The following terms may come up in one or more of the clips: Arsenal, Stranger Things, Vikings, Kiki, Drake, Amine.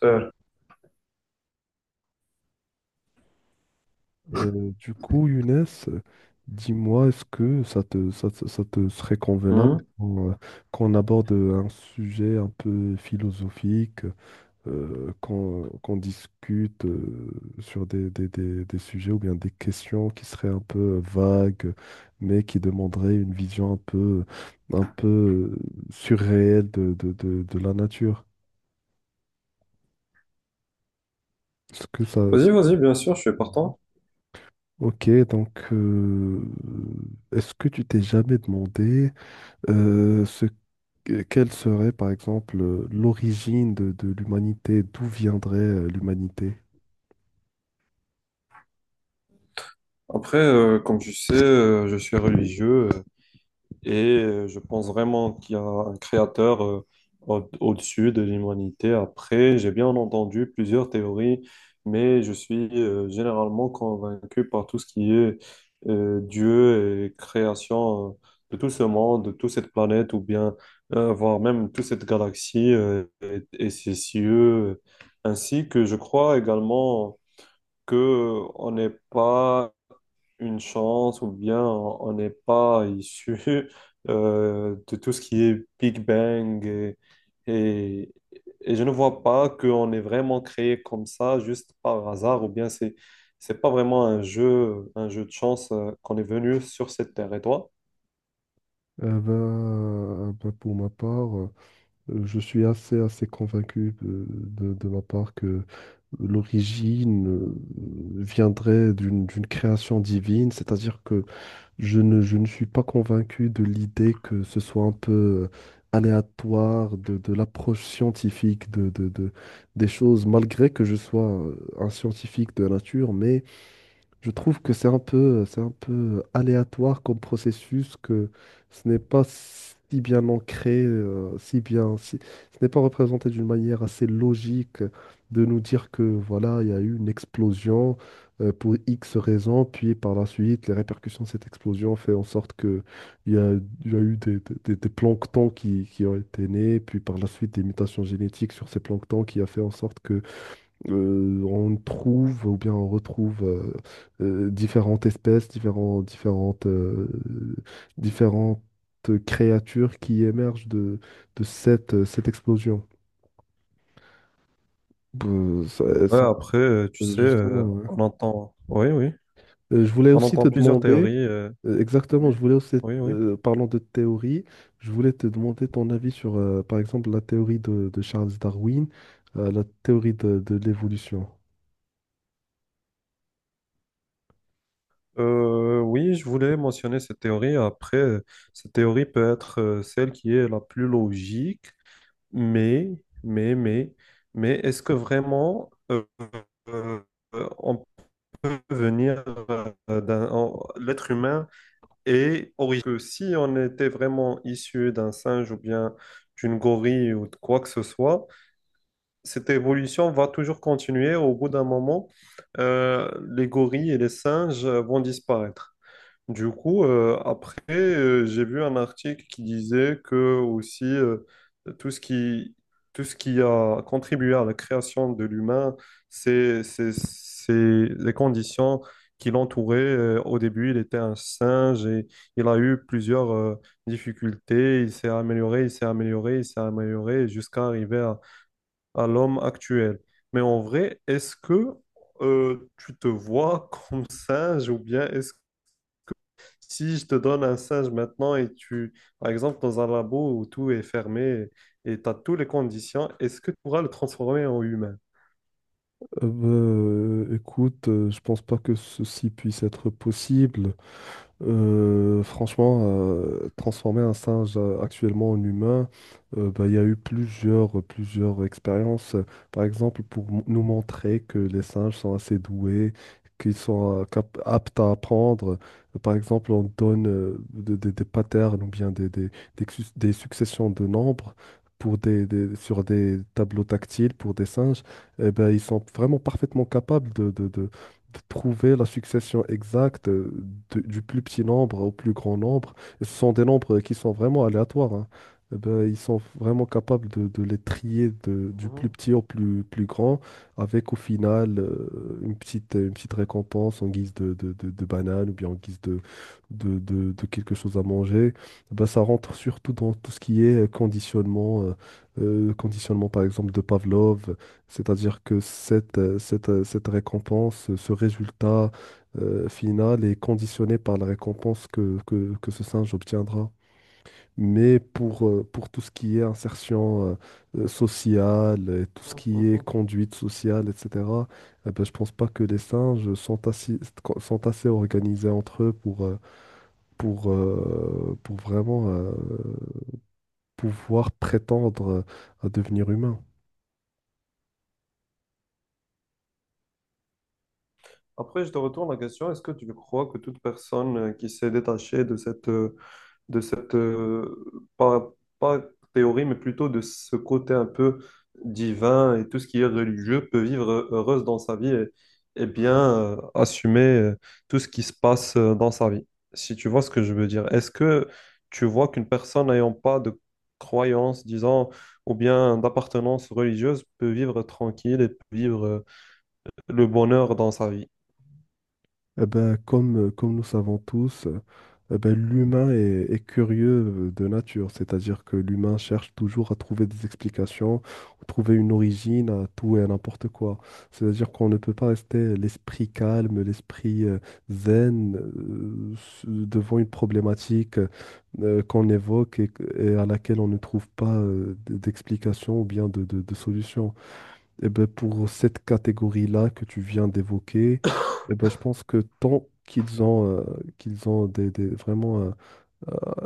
Sœur. Younes, dis-moi, est-ce que ça te serait convenable Hmm. qu'on qu'on aborde un sujet un peu philosophique, qu'on discute sur des sujets ou bien des questions qui seraient un peu vagues, mais qui demanderaient une vision un peu euh, surréelle de la nature? Est-ce que ça... ça- Vas-y, vas-y, bien sûr, je suis Mhm. partant. Ok, donc est-ce que tu t'es jamais demandé Euh, ce, quelle serait, par exemple, l'origine de l'humanité? D'où viendrait l'humanité? Après, comme tu sais, je suis religieux et je pense vraiment qu'il y a un créateur au-dessus de l'humanité. Après, j'ai bien entendu plusieurs théories, mais je suis généralement convaincu par tout ce qui est Dieu et création de tout ce monde, de toute cette planète, ou bien voire même toute cette galaxie et ses cieux, ainsi que je crois également que on n'est pas une chance ou bien on n'est pas issu de tout ce qui est Big Bang et, et je ne vois pas qu'on est vraiment créé comme ça juste par hasard ou bien c'est pas vraiment un jeu de chance qu'on est venu sur cette terre. Et toi? Pour ma part, je suis assez convaincu de ma part que l'origine viendrait d'une création divine, c'est-à-dire que je ne suis pas convaincu de l'idée que ce soit un peu aléatoire de l'approche scientifique de des choses, malgré que je sois un scientifique de nature, mais je trouve que c'est un peu aléatoire comme processus, que ce n'est pas si bien ancré, si bien, si- ce n'est pas représenté d'une manière assez logique de nous dire que voilà, il y a eu une explosion pour X raisons, puis par la suite, les répercussions de cette explosion fait en sorte que il y a, il y a eu des planctons qui ont été nés, puis par la suite des mutations génétiques sur ces planctons qui a fait en sorte que on trouve ou bien on retrouve différentes espèces, différentes créatures qui émergent de, de cette explosion. Euh, ça, Ouais, ça, après, tu sais, justement, on entend, oui, oui, je voulais on aussi entend te plusieurs demander, théories. Exactement, Oui. je voulais aussi, Oui, oui. Parlant de théorie, je voulais te demander ton avis sur, par exemple, la théorie de Charles Darwin, la théorie de l'évolution. Oui, je voulais mentionner cette théorie. Après, cette théorie peut être celle qui est la plus logique, mais, mais, mais, mais est-ce que vraiment euh, on peut venir L'être humain est originaire. Que si on était vraiment issu d'un singe ou bien d'une gorille ou de quoi que ce soit, cette évolution va toujours continuer. Au bout d'un moment, euh, les gorilles et les singes vont disparaître. Du coup, après, j'ai vu un article qui disait que aussi tout ce qui, tout ce qui a contribué à la création de l'humain, c'est les conditions qui l'entouraient. Au début, il était un singe et il a eu plusieurs difficultés. Il s'est amélioré jusqu'à arriver à l'homme actuel. Mais en vrai, est-ce que tu te vois comme singe ou bien est-ce si je te donne un singe maintenant et tu, par exemple, dans un labo où tout est fermé et tu as toutes les conditions, est-ce que tu pourras le transformer en humain? Écoute, je pense pas que ceci puisse être possible. Franchement, transformer un singe actuellement en humain, bah, il y a eu plusieurs expériences. Par exemple, pour nous montrer que les singes sont assez doués, qu'ils sont aptes à apprendre. Par exemple, on donne des patterns ou bien des successions de nombres pour sur des tableaux tactiles pour des singes. Eh ben, ils sont vraiment parfaitement capables de trouver la succession exacte du plus petit nombre au plus grand nombre. Et ce sont des nombres qui sont vraiment aléatoires, hein. Eh ben, ils sont vraiment capables de les trier du plus Mhm, petit au plus grand, avec au final une petite récompense en guise de banane ou bien en guise de quelque chose à manger. Eh ben, ça rentre surtout dans tout ce qui est conditionnement, conditionnement par exemple de Pavlov, c'est-à-dire que cette récompense, ce résultat final est conditionné par la récompense que ce singe obtiendra. Mais pour tout ce qui est insertion sociale, et tout ce mhm, qui est mhm. conduite sociale, etc., eh ben, je pense pas que les singes sont sont assez organisés entre eux pour, pour vraiment pouvoir prétendre à devenir humain. Après, je te retourne la question, est-ce que tu crois que toute personne qui s'est détachée de cette, pas théorie, mais plutôt de ce côté un peu divin et tout ce qui est religieux peut vivre heureuse dans sa vie et bien assumer tout ce qui se passe dans sa vie. Si tu vois ce que je veux dire, est-ce que tu vois qu'une personne n'ayant pas de croyance, disons, ou bien d'appartenance religieuse peut vivre tranquille et peut vivre le bonheur dans sa vie? Eh ben, comme nous savons tous, eh ben, l'humain est curieux de nature, c'est-à-dire que l'humain cherche toujours à trouver des explications, ou trouver une origine à tout et à n'importe quoi. C'est-à-dire qu'on ne peut pas rester l'esprit calme, l'esprit zen devant une problématique qu'on évoque et à laquelle on ne trouve pas d'explication ou bien de solution. Eh ben, pour cette catégorie-là que tu viens d'évoquer, eh ben, je pense que tant qu'ils ont vraiment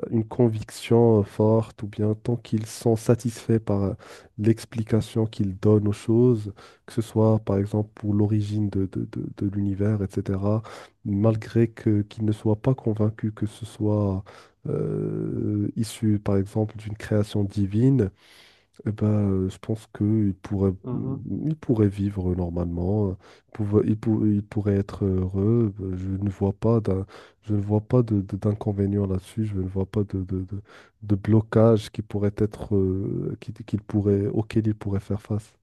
une conviction forte ou bien tant qu'ils sont satisfaits par l'explication qu'ils donnent aux choses, que ce soit par exemple pour l'origine de l'univers, etc., malgré que, qu'ils ne soient pas convaincus que ce soit issu par exemple d'une création divine, eh ben, je pense Mhm. Il pourrait vivre normalement, il pourrait être heureux. Je ne vois pas je ne vois pas d'inconvénient là-dessus. Je ne vois pas de blocage qui pourrait être, qu'il pourrait, auquel il pourrait faire face.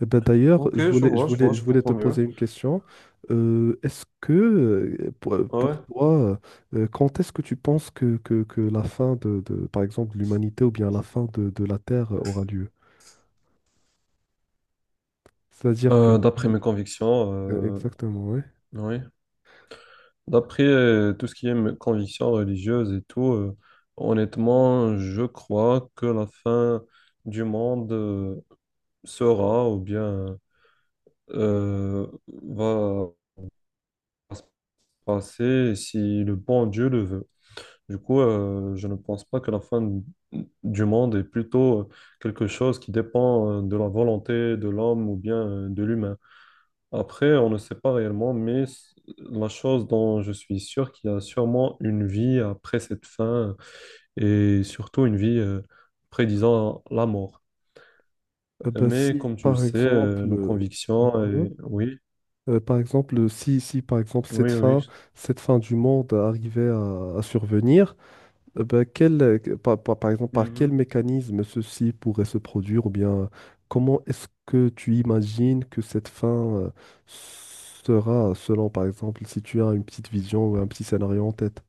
Eh ben, d'ailleurs, Ok, je vois, je vois, je je voulais te comprends poser mieux. une question. Est-ce que, pour Ouais. toi, quand est-ce que tu penses que la fin par exemple, de l'humanité ou bien la fin de la Terre aura lieu? C'est-à-dire que, D'après mes convictions, exactement, ouais. oui. D'après tout ce qui est conviction religieuse et tout, honnêtement, je crois que la fin du monde sera ou bien euh, va se passer si le bon Dieu le veut. Du coup, je ne pense pas que la fin du monde est plutôt quelque chose qui dépend de la volonté de l'homme ou bien de l'humain. Après, on ne sait pas réellement, mais la chose dont je suis sûr, qu'il y a sûrement une vie après cette fin et surtout une vie prédisant la mort. Bah, Mais si, comme tu le par sais, exemple, nos convictions, mhm. et... oui, Par exemple, si, si, par exemple, oui, oui. Cette fin du monde arrivait à survenir, bah, quel, que- par, par- par exemple, par quel Mhm. mécanisme ceci pourrait se produire, ou bien comment est-ce que tu imagines que cette fin, sera, selon, par exemple, si tu as une petite vision ou un petit scénario en tête?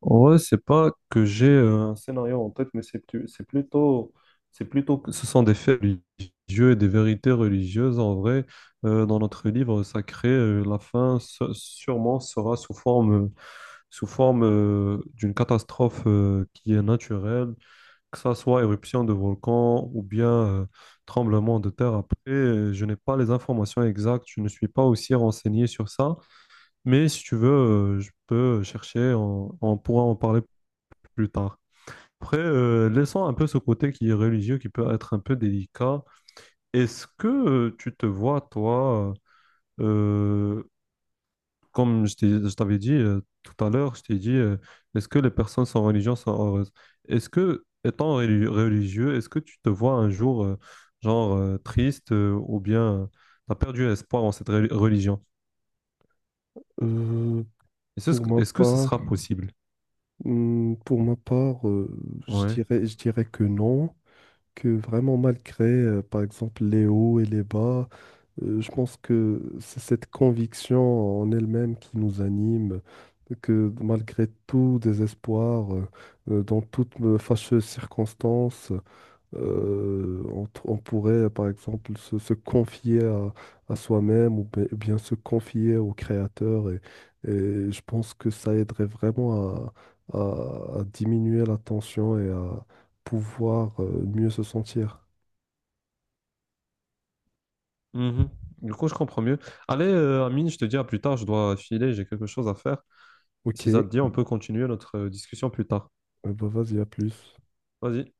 En vrai, c'est pas que j'ai un scénario en tête, mais c'est plutôt que ce sont des faits religieux et des vérités religieuses. En vrai, dans notre livre sacré, la sûrement sera sous forme d'une catastrophe qui est naturelle, que ça soit éruption de volcan ou bien tremblement de terre. Après, je n'ai pas les informations exactes, je ne suis pas aussi renseigné sur ça, mais si tu veux, je peux chercher, on pourra en parler plus tard. Après, laissons un peu ce côté qui est religieux, qui peut être un peu délicat. Est-ce que tu te vois, toi, euh, comme je t'avais dit tout à l'heure, je t'ai dit, est-ce que les personnes sans religion sont heureuses? Est-ce que, étant religieux, est-ce que tu te vois un jour, genre, triste ou bien tu as perdu espoir en cette religion? Euh, pour ma Est-ce que ce part, sera possible? Pour ma part, Ouais. Je dirais que non, que vraiment malgré, par exemple, les hauts et les bas, je pense que c'est cette conviction en elle-même qui nous anime, que malgré tout désespoir, dans toute fâcheuse circonstance, on, on pourrait, par exemple, se confier à soi-même ou bien se confier au créateur. Et je pense que ça aiderait vraiment à diminuer la tension et à pouvoir mieux se sentir. Mhm. Du coup, je comprends mieux. Allez, Amine, je te dis à plus tard, je dois filer, j'ai quelque chose à faire. Ok, Si ça euh, te dit, on peut continuer notre discussion plus tard. bah vas-y, à plus. Vas-y.